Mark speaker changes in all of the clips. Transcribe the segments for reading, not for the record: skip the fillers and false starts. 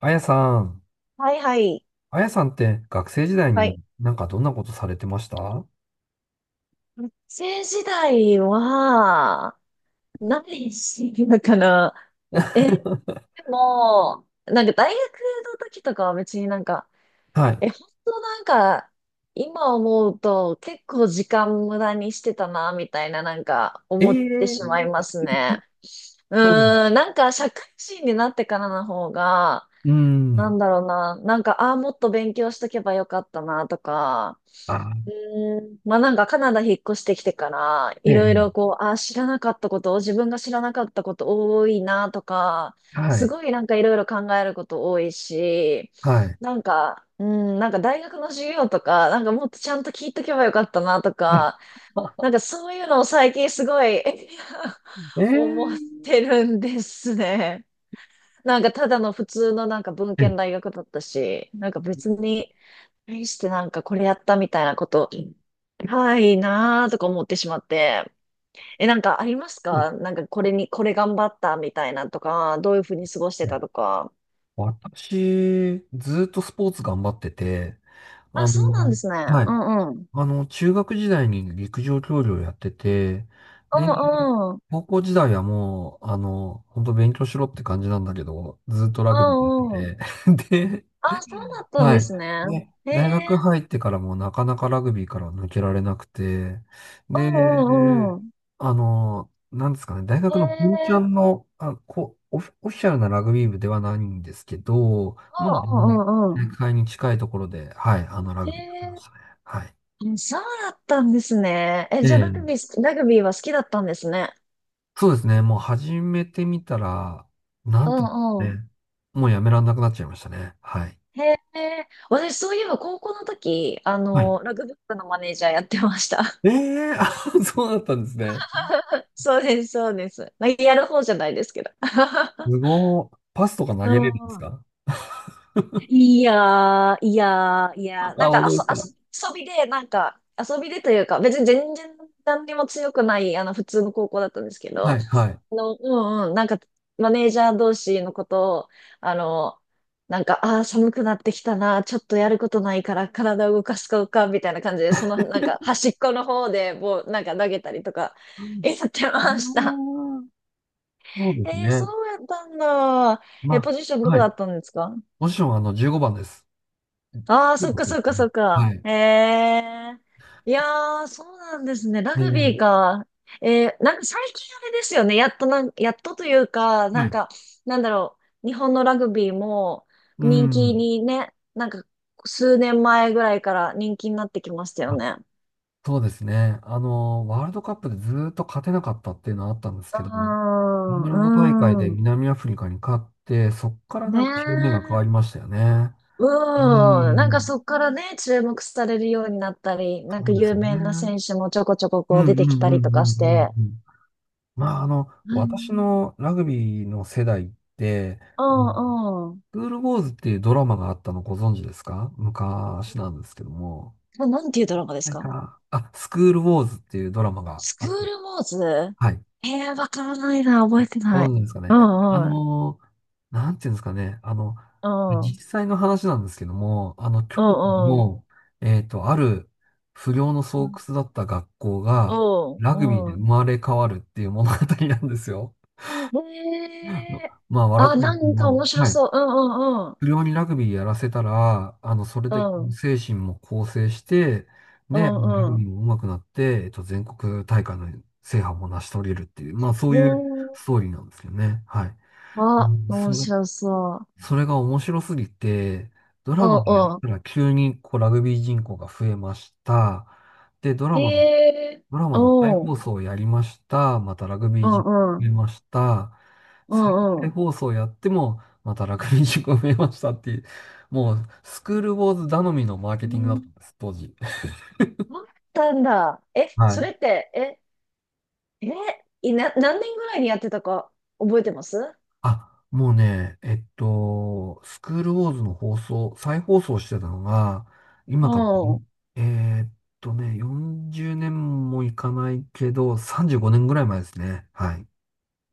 Speaker 1: あやさん、
Speaker 2: はいはい。
Speaker 1: あやさんって学生時代
Speaker 2: は
Speaker 1: に
Speaker 2: い。
Speaker 1: なんかどんなことされてました？ は
Speaker 2: 学生時代は、何してるのかな。でも、なんか大学の時とかは別になんか、本当なんか、今思うと結構時間無駄にしてたな、みたいななんか
Speaker 1: い。え
Speaker 2: 思っ
Speaker 1: え
Speaker 2: てしまいま
Speaker 1: ー。
Speaker 2: すね。
Speaker 1: そう。
Speaker 2: うーん、なんか社会人になってからの方が、
Speaker 1: う
Speaker 2: なん
Speaker 1: ん。
Speaker 2: だろうな。なんか、ああ、もっと勉強しとけばよかったな、とか。
Speaker 1: あ、
Speaker 2: うーん。まあなんか、カナダ引っ越してきてから、
Speaker 1: え
Speaker 2: いろいろ
Speaker 1: え、
Speaker 2: こう、ああ、知らなかったことを、自分が知らなかったこと多いな、とか、
Speaker 1: は
Speaker 2: す
Speaker 1: い、
Speaker 2: ごいなんかいろいろ考えること多いし、
Speaker 1: はい。
Speaker 2: なんか、うん、なんか大学の授業とか、なんかもっとちゃんと聞いとけばよかったな、と
Speaker 1: ね
Speaker 2: か、なんかそういうのを最近すごい
Speaker 1: え
Speaker 2: 思っ
Speaker 1: ー
Speaker 2: てるんですね。なんかただの普通のなんか文
Speaker 1: え
Speaker 2: 献大学だったし、なんか別に、対してなんかこれやったみたいなこと、ないなーとか思ってしまって。なんかあります
Speaker 1: ええ
Speaker 2: か、なんかこれに、これ頑張ったみたいなとか、どういうふうに過ごして
Speaker 1: は
Speaker 2: た
Speaker 1: い、
Speaker 2: とか。
Speaker 1: 私、ずーっとスポーツ頑張ってて、あ
Speaker 2: あ、そうなんで
Speaker 1: の、
Speaker 2: すね。
Speaker 1: は
Speaker 2: う
Speaker 1: い。
Speaker 2: んうん。
Speaker 1: あの、中学時代に陸上競技をやってて、
Speaker 2: う
Speaker 1: で、
Speaker 2: んうん。
Speaker 1: 高校時代はもう、本当勉強しろって感じなんだけど、ずーっとラ
Speaker 2: う
Speaker 1: グビー
Speaker 2: んう
Speaker 1: や
Speaker 2: ん。
Speaker 1: ってて、で、
Speaker 2: あ、そうだったん
Speaker 1: は
Speaker 2: で
Speaker 1: い。
Speaker 2: すね。
Speaker 1: で、
Speaker 2: へ
Speaker 1: 大学
Speaker 2: え。
Speaker 1: 入ってからもなかなかラグビーからは抜けられなくて、
Speaker 2: うんうんう
Speaker 1: で、
Speaker 2: ん。
Speaker 1: あの、なんですかね、大
Speaker 2: へ
Speaker 1: 学の本ちゃ
Speaker 2: え。
Speaker 1: んの、あ、こう、オフィシャルなラグビー部ではないんですけど、まあ、あ
Speaker 2: うん
Speaker 1: の、
Speaker 2: うんうんうん。
Speaker 1: 大会に近いところで、はい、あの、ラ
Speaker 2: へ
Speaker 1: グビーやってま
Speaker 2: え。
Speaker 1: したね。はい。
Speaker 2: うんそうだったんですね。え、
Speaker 1: え
Speaker 2: じゃあ
Speaker 1: え、
Speaker 2: ラグビーは好きだったんですね。
Speaker 1: そうですね、もう始めてみたら、な
Speaker 2: う
Speaker 1: んていうんで
Speaker 2: んう
Speaker 1: す
Speaker 2: ん。
Speaker 1: かね、もうやめらんなくなっちゃいましたね。はい。
Speaker 2: へえ、私そういえば高校の時、
Speaker 1: はい。
Speaker 2: ラグビー部のマネージャーやってました。
Speaker 1: ええ、あ、そうだったんですね。
Speaker 2: そうです、そうです。まあやる方じゃないですけど。
Speaker 1: す ごー。パスとか投
Speaker 2: う
Speaker 1: げ
Speaker 2: ん
Speaker 1: れるんです
Speaker 2: うん。
Speaker 1: か？
Speaker 2: いやー、いやー、い
Speaker 1: あ、
Speaker 2: やー、なん
Speaker 1: 本
Speaker 2: か
Speaker 1: 当ですか？
Speaker 2: 遊びで、なんか、遊びでというか、別に全然何にも強くない、普通の高校だったんですけ
Speaker 1: は
Speaker 2: ど、
Speaker 1: い、はい。
Speaker 2: うんうん、なんか、マネージャー同士のことを、あの、なんか、ああ、寒くなってきたな、ちょっとやることないから体を動かすかか、みたいな感じで、その、なんか、端っこの方で、もう、なんか投げたりとか、
Speaker 1: うん
Speaker 2: やってました。
Speaker 1: うん、そうです
Speaker 2: えー、そ
Speaker 1: ね。
Speaker 2: うやったんだ。え、
Speaker 1: ま
Speaker 2: ポジション
Speaker 1: あ、
Speaker 2: ど
Speaker 1: は
Speaker 2: こだ
Speaker 1: い。
Speaker 2: ったんですか？
Speaker 1: もちろん、あの、15番です。
Speaker 2: ああ、そっか
Speaker 1: 15で
Speaker 2: そ
Speaker 1: す
Speaker 2: っかそ
Speaker 1: ね。
Speaker 2: っか。
Speaker 1: はい。
Speaker 2: ええ、いやー、そうなんですね。ラ
Speaker 1: ねえ
Speaker 2: グビー
Speaker 1: ね
Speaker 2: か。なんか最近あれですよね。やっとというか、
Speaker 1: え、
Speaker 2: な
Speaker 1: は
Speaker 2: ん
Speaker 1: い。
Speaker 2: か、なんだろう。日本のラグビーも
Speaker 1: う
Speaker 2: 人気
Speaker 1: ん。
Speaker 2: にね、なんか数年前ぐらいから人気になってきましたよ
Speaker 1: あ、
Speaker 2: ね。
Speaker 1: そうですね。あの、ワールドカップでずーっと勝てなかったっていうのはあったんです
Speaker 2: うー
Speaker 1: けども、イン
Speaker 2: ん、
Speaker 1: グランド大会で
Speaker 2: うーん。
Speaker 1: 南アフリカに勝って、そっから
Speaker 2: ね
Speaker 1: なんか表面が変わ
Speaker 2: え。
Speaker 1: りましたよね。う
Speaker 2: うん。なんか
Speaker 1: ん。
Speaker 2: そっからね、注目されるようになったり、なん
Speaker 1: そ
Speaker 2: か
Speaker 1: うです
Speaker 2: 有
Speaker 1: よ
Speaker 2: 名な
Speaker 1: ね。
Speaker 2: 選手もちょこちょこ
Speaker 1: う
Speaker 2: こう
Speaker 1: ん
Speaker 2: 出
Speaker 1: う
Speaker 2: てき
Speaker 1: ん
Speaker 2: た
Speaker 1: う
Speaker 2: りと
Speaker 1: んう
Speaker 2: かし
Speaker 1: んう
Speaker 2: て。
Speaker 1: んうん。まあ、あの、私のラグビーの世代って、
Speaker 2: う
Speaker 1: うん、
Speaker 2: んうん。
Speaker 1: スクールウォーズっていうドラマがあったのご存知ですか？昔なんですけども。
Speaker 2: なんていうドラマです
Speaker 1: なん
Speaker 2: か？
Speaker 1: か、あ、スクールウォーズっていうドラマが
Speaker 2: ス
Speaker 1: あ
Speaker 2: クー
Speaker 1: った。
Speaker 2: ルモーズ？
Speaker 1: はい。
Speaker 2: わからないな、覚えてな
Speaker 1: ご
Speaker 2: い。
Speaker 1: 存知ですか
Speaker 2: う
Speaker 1: ね。あ
Speaker 2: んうん。
Speaker 1: のなんていうんですかね。あの、
Speaker 2: うん。うん
Speaker 1: 実際の話なんですけども、あの、京都
Speaker 2: うん。
Speaker 1: の、ある不良の巣窟だった学校
Speaker 2: う
Speaker 1: が、ラグビー
Speaker 2: ん
Speaker 1: で
Speaker 2: う
Speaker 1: 生
Speaker 2: ん。
Speaker 1: まれ変わるっていう物語なんですよ。あの
Speaker 2: へえ
Speaker 1: まあ、
Speaker 2: ー。
Speaker 1: 笑
Speaker 2: あ、
Speaker 1: っちゃうんで
Speaker 2: な
Speaker 1: すけど
Speaker 2: んか
Speaker 1: も、
Speaker 2: 面白
Speaker 1: はい。
Speaker 2: そう。うんうんうん。
Speaker 1: 不良にラグビーやらせたら、あの、それ
Speaker 2: う
Speaker 1: で
Speaker 2: ん
Speaker 1: 精神も構成して、
Speaker 2: う
Speaker 1: ね、ラグ
Speaker 2: んう
Speaker 1: ビ
Speaker 2: ん。
Speaker 1: ーも上手くなって、全国大会の制覇も成し遂げるっていう、まあそ
Speaker 2: へ
Speaker 1: ういう
Speaker 2: え。
Speaker 1: ストーリーなんですよね。はい。う
Speaker 2: あ、
Speaker 1: ん、そ
Speaker 2: 面
Speaker 1: れ、
Speaker 2: 白そう。
Speaker 1: それが面白すぎて、ド
Speaker 2: う
Speaker 1: ラマ
Speaker 2: ん
Speaker 1: でやっ
Speaker 2: う
Speaker 1: たら急にこうラグビー人口が増えました。で、ド
Speaker 2: ん。
Speaker 1: ラ
Speaker 2: へ
Speaker 1: マの
Speaker 2: え。
Speaker 1: ドラマ
Speaker 2: う
Speaker 1: の再
Speaker 2: ん。
Speaker 1: 放送をやりました。またラグビ
Speaker 2: う
Speaker 1: ー人口
Speaker 2: んう
Speaker 1: 増え
Speaker 2: ん。
Speaker 1: ました。
Speaker 2: う
Speaker 1: 再
Speaker 2: んう
Speaker 1: 再
Speaker 2: ん。
Speaker 1: 放送やっても、またラグビー人口増えましたっていう、もうスクールウォーズ頼みのマーケティングだっ
Speaker 2: ね。
Speaker 1: たんです、当時。
Speaker 2: あったんだ。
Speaker 1: は
Speaker 2: そ
Speaker 1: い。
Speaker 2: れって、え、何年ぐらいにやってたか覚えてます？
Speaker 1: あ、もうね、スクールウォーズの放送、再放送してたのが、今から、
Speaker 2: う
Speaker 1: えーっ40年もいかないけど、35年ぐらい前ですね。はい。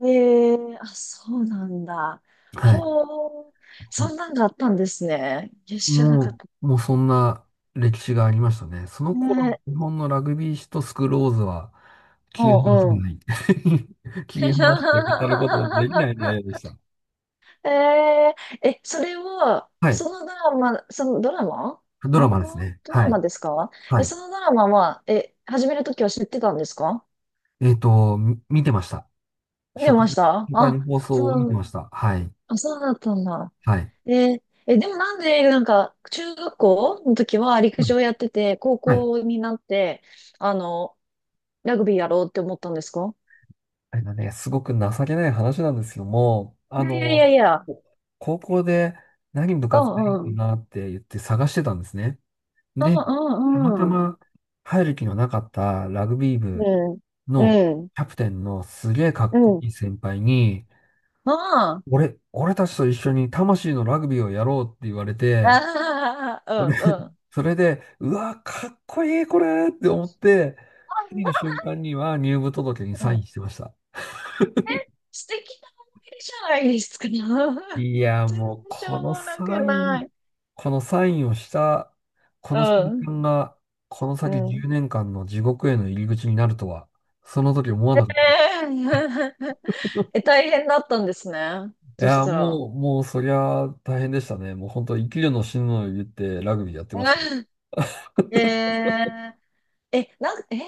Speaker 2: ん。ええ、あ、そうなんだ。
Speaker 1: はい。
Speaker 2: ほう、そんなんがあったんですね。いや、知らなかっ
Speaker 1: も
Speaker 2: た。
Speaker 1: う、もうそんな歴史がありましたね。その頃
Speaker 2: ね
Speaker 1: の
Speaker 2: え。
Speaker 1: 日本のラグビー史とスクローズは、
Speaker 2: う
Speaker 1: 切り離せ
Speaker 2: んうん。
Speaker 1: ない。切り離して語ることができない内 容でした。
Speaker 2: えええ、それは、
Speaker 1: はい。
Speaker 2: そのドラマ、
Speaker 1: ドラ
Speaker 2: 漫
Speaker 1: マです
Speaker 2: 画
Speaker 1: ね。
Speaker 2: ド
Speaker 1: は
Speaker 2: ラ
Speaker 1: い。
Speaker 2: マですか？
Speaker 1: は
Speaker 2: え、
Speaker 1: い。
Speaker 2: そのドラマは、始めるときは知ってたんですか？
Speaker 1: 見てました。
Speaker 2: 見て
Speaker 1: 初回、
Speaker 2: ました
Speaker 1: 初回の
Speaker 2: あ、
Speaker 1: 放送を見
Speaker 2: そ
Speaker 1: てま
Speaker 2: う、
Speaker 1: した。はい。
Speaker 2: あ、そうだったんだ。
Speaker 1: はい。
Speaker 2: ええ、でもなんで、なんか、中学校の時は陸
Speaker 1: はい。
Speaker 2: 上やってて、高
Speaker 1: はい、
Speaker 2: 校になって、あの、ラグビーやろうって思ったんですか？
Speaker 1: あれだね、すごく情けない話なんですけども、
Speaker 2: い
Speaker 1: あ
Speaker 2: やいやいや
Speaker 1: の、
Speaker 2: いや、
Speaker 1: お高校で何部
Speaker 2: う
Speaker 1: 活やろうか
Speaker 2: んうん。
Speaker 1: なって言って探してたんですね。
Speaker 2: う
Speaker 1: で、たま
Speaker 2: んう
Speaker 1: た
Speaker 2: んうん。
Speaker 1: ま入る気のなかったラグビー部
Speaker 2: うん。
Speaker 1: の
Speaker 2: うん。
Speaker 1: キャプテンのすげえか
Speaker 2: う
Speaker 1: っこ
Speaker 2: ん。
Speaker 1: いい先輩に、
Speaker 2: あ
Speaker 1: 俺たちと一緒に魂のラグビーをやろうって言われて、
Speaker 2: あ。
Speaker 1: それ、
Speaker 2: ああ。
Speaker 1: それで、うわ、かっこいいこれって思って、次の瞬間には入部届に
Speaker 2: うんう
Speaker 1: サ
Speaker 2: ん。
Speaker 1: イ
Speaker 2: う
Speaker 1: ン
Speaker 2: ん。
Speaker 1: してました。
Speaker 2: 素敵な思い出じゃないですか。
Speaker 1: いや、
Speaker 2: 全
Speaker 1: もう
Speaker 2: 然し
Speaker 1: こ
Speaker 2: ょう
Speaker 1: の
Speaker 2: もなく
Speaker 1: サイ
Speaker 2: な
Speaker 1: ン、
Speaker 2: い。
Speaker 1: このサインをした、こ
Speaker 2: う
Speaker 1: の瞬
Speaker 2: ん。
Speaker 1: 間が、この
Speaker 2: う
Speaker 1: 先
Speaker 2: ん。
Speaker 1: 10年間の地獄への入り口になるとは、その時思わ
Speaker 2: え
Speaker 1: なかった。
Speaker 2: え。 え、大変だったんですね。
Speaker 1: い
Speaker 2: そし
Speaker 1: や、
Speaker 2: たら。
Speaker 1: もう、もう、そりゃ大変でしたね。もう本当、生きるの死ぬのを言ってラグビーやってましたね。
Speaker 2: ええー、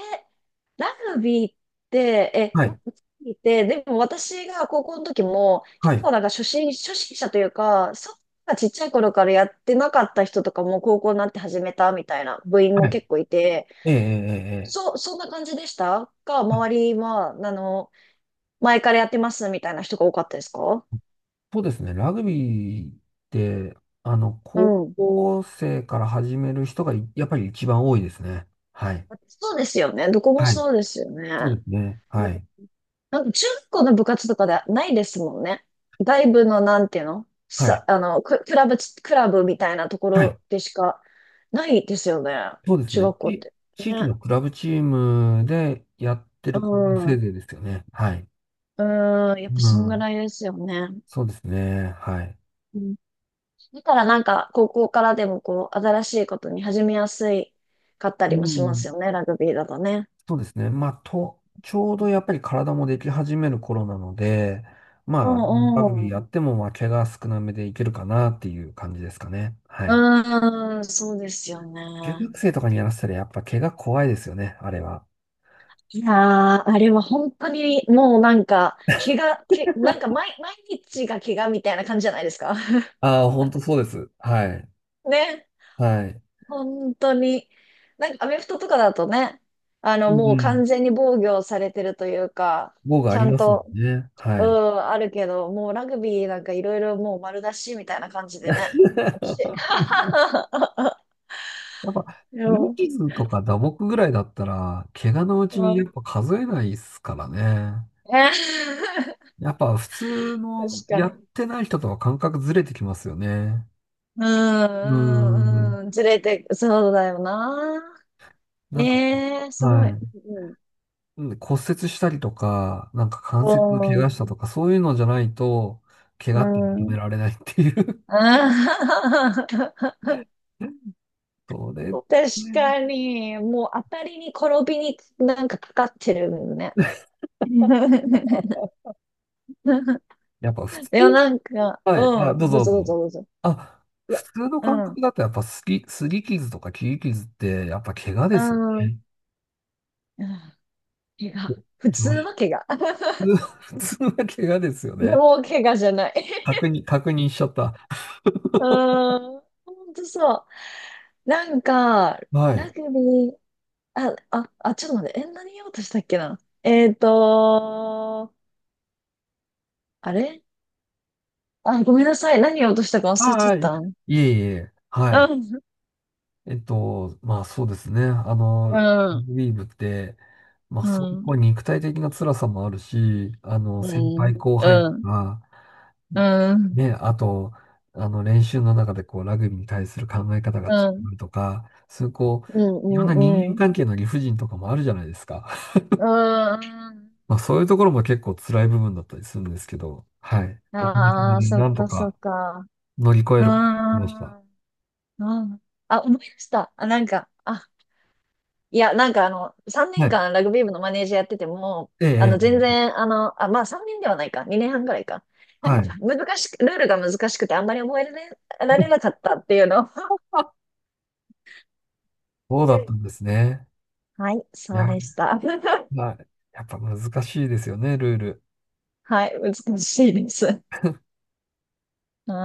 Speaker 2: グビーって、
Speaker 1: は
Speaker 2: ラグ
Speaker 1: い、
Speaker 2: ビーって、でも私が高校の時も、
Speaker 1: は
Speaker 2: 結
Speaker 1: い、
Speaker 2: 構なんか初心者というか、そんなちっちゃい頃からやってなかった人とかも高校になって始めたみたいな部員
Speaker 1: は
Speaker 2: も
Speaker 1: い。
Speaker 2: 結構いて、
Speaker 1: ええ、ええ、ええ。
Speaker 2: そんな感じでしたか、
Speaker 1: うん、
Speaker 2: 周りは、前からやってますみたいな人が多かったですか？
Speaker 1: そうですね。ラグビーって、あの、
Speaker 2: う
Speaker 1: 高
Speaker 2: ん。
Speaker 1: 校生から始める人がいやっぱり一番多いですね。はい。
Speaker 2: そうですよね。どこも
Speaker 1: はい。
Speaker 2: そうですよ
Speaker 1: そ
Speaker 2: ね。
Speaker 1: うですね。はい。
Speaker 2: なん10個の部活とかではないですもんね。外部のなんていうの
Speaker 1: はい。
Speaker 2: さ、クラブみたいなとこ
Speaker 1: はい。
Speaker 2: ろでしかないですよね。
Speaker 1: そうです
Speaker 2: 中
Speaker 1: ね。
Speaker 2: 学校って。ね。
Speaker 1: 地域のクラブチームでやって
Speaker 2: う
Speaker 1: る子もせい
Speaker 2: ん。
Speaker 1: ぜいですよね。はい。
Speaker 2: うん。やっぱ
Speaker 1: う
Speaker 2: そんぐ
Speaker 1: ん。
Speaker 2: らいですよね。
Speaker 1: そうですね。はい。
Speaker 2: うん。だからなんか、高校からでもこう、新しいことに始めやすいかった
Speaker 1: う
Speaker 2: りもしま
Speaker 1: ん。
Speaker 2: すよね。ラグビーだとね。
Speaker 1: そうですね。まあ、と、ちょうどやっぱり体もでき始める頃なので、
Speaker 2: う
Speaker 1: まあ、ラグ
Speaker 2: ん
Speaker 1: ビー
Speaker 2: う
Speaker 1: や
Speaker 2: ん。
Speaker 1: っても、まあ、怪我少なめでいけるかなっていう感じですかね。はい。
Speaker 2: うん、そうですよ
Speaker 1: 中
Speaker 2: ね。
Speaker 1: 学生とかにやらせたら、やっぱ怪我怖いですよね、あれは。
Speaker 2: いやー、あれは本当にもうなんか、怪我、け、なんか毎日が怪我みたいな感じじゃないですか。
Speaker 1: ああ、本当そうです。はい。
Speaker 2: ね、
Speaker 1: はい。
Speaker 2: 本当に。なんかアメフトとかだとね、
Speaker 1: う
Speaker 2: もう
Speaker 1: ん、
Speaker 2: 完全に防御されてるというか、
Speaker 1: 防具
Speaker 2: ち
Speaker 1: あり
Speaker 2: ゃん
Speaker 1: ますもん
Speaker 2: と、
Speaker 1: ね。は
Speaker 2: う
Speaker 1: い。
Speaker 2: ん、あるけど、もうラグビーなんかいろいろもう丸出しみたいな感じでね。惜 し
Speaker 1: やっぱ、
Speaker 2: い。で
Speaker 1: 擦り
Speaker 2: も、
Speaker 1: 傷とか打撲ぐらいだったら、怪我のう
Speaker 2: う
Speaker 1: ちにやっ
Speaker 2: ん、
Speaker 1: ぱ数えないですからね。
Speaker 2: ね。
Speaker 1: やっぱ普通
Speaker 2: 確
Speaker 1: の
Speaker 2: か
Speaker 1: やっ
Speaker 2: に。
Speaker 1: てない人とは感覚ずれてきますよね。
Speaker 2: う
Speaker 1: うーん。
Speaker 2: ん、うん、うん、ずれて、そうだよな。
Speaker 1: なんか、
Speaker 2: ええ、すご
Speaker 1: は
Speaker 2: い。
Speaker 1: い。
Speaker 2: うん
Speaker 1: うん、骨折したりとか、なんか関節の怪
Speaker 2: うん。
Speaker 1: 我したとか、そういうのじゃないと、怪
Speaker 2: う
Speaker 1: 我って認
Speaker 2: ん。
Speaker 1: められないっていう。
Speaker 2: あー。
Speaker 1: それ、そ
Speaker 2: 確
Speaker 1: れね
Speaker 2: かに、もう当たりに転びになんかかかってるよね。
Speaker 1: やっぱ普通、
Speaker 2: いや、なんか、
Speaker 1: はい。あ、
Speaker 2: う
Speaker 1: どう
Speaker 2: ん、どう
Speaker 1: ぞど
Speaker 2: ぞ
Speaker 1: う
Speaker 2: どうぞ
Speaker 1: ぞ。
Speaker 2: どうぞ。
Speaker 1: あ、
Speaker 2: いや、
Speaker 1: 普通の感
Speaker 2: う
Speaker 1: 覚
Speaker 2: ん、
Speaker 1: だとやっぱすり傷とか切り傷って、やっぱ怪我
Speaker 2: う
Speaker 1: ですよ
Speaker 2: ん、うん、
Speaker 1: ね。
Speaker 2: 怪我。
Speaker 1: お
Speaker 2: 普
Speaker 1: 気持
Speaker 2: 通
Speaker 1: ち。
Speaker 2: は怪我。
Speaker 1: 普通は怪我ですよね。
Speaker 2: もう怪我じゃない。
Speaker 1: 確認しちゃった。
Speaker 2: う ん、ほんとそう。なんか、
Speaker 1: は
Speaker 2: ラ
Speaker 1: い。
Speaker 2: グビー、あ、あ、あ、ちょっと待って。え、何言おうとしたっけな。あれ、あ、ごめんなさい。何言おうとしたか忘れちゃ
Speaker 1: あ
Speaker 2: っ
Speaker 1: あ、い
Speaker 2: たん。
Speaker 1: えいえ、はい。
Speaker 2: うん、
Speaker 1: まあそうですね。あの、
Speaker 2: う
Speaker 1: ラ
Speaker 2: ん、
Speaker 1: グビー部って、まあ
Speaker 2: う
Speaker 1: そういう
Speaker 2: ん、
Speaker 1: こう肉体的な辛さもあるし、あの、
Speaker 2: う
Speaker 1: 先輩
Speaker 2: ん、
Speaker 1: 後輩
Speaker 2: うん、
Speaker 1: が、
Speaker 2: うん、うん、
Speaker 1: ね、あと、あの、練習の中でこう、ラグビーに対する考え方が違
Speaker 2: うん、
Speaker 1: うとか、そういうこ
Speaker 2: うん、
Speaker 1: う、いろんな
Speaker 2: う
Speaker 1: 人
Speaker 2: ん。
Speaker 1: 間
Speaker 2: うん、
Speaker 1: 関係の理不尽とかもあるじゃないですか。まあそういうところも結構辛い部分だったりするんですけど、はい。おかげさ
Speaker 2: あ
Speaker 1: ま
Speaker 2: あー、
Speaker 1: で
Speaker 2: そっ
Speaker 1: なんと
Speaker 2: かそっ
Speaker 1: か
Speaker 2: か。
Speaker 1: 乗り越え
Speaker 2: う
Speaker 1: ることができました。
Speaker 2: ん、うん。あ、思い出した。あ、なんか、あ、いや、なんか3
Speaker 1: は
Speaker 2: 年
Speaker 1: い。
Speaker 2: 間ラグビー部のマネージャーやってても、
Speaker 1: ええ、
Speaker 2: 全
Speaker 1: ええ、
Speaker 2: 然、あ、まあ3年ではないか、2年半ぐらいか。な
Speaker 1: は
Speaker 2: ん
Speaker 1: い。
Speaker 2: か難しく、ルールが難しくてあんまり覚えられ、られなかったっていうの。
Speaker 1: そうだったんですね。
Speaker 2: はい、
Speaker 1: い
Speaker 2: そう
Speaker 1: や、
Speaker 2: でした。
Speaker 1: まあ、やっぱ難しいですよね、ルール。
Speaker 2: はい、難しいです。はい。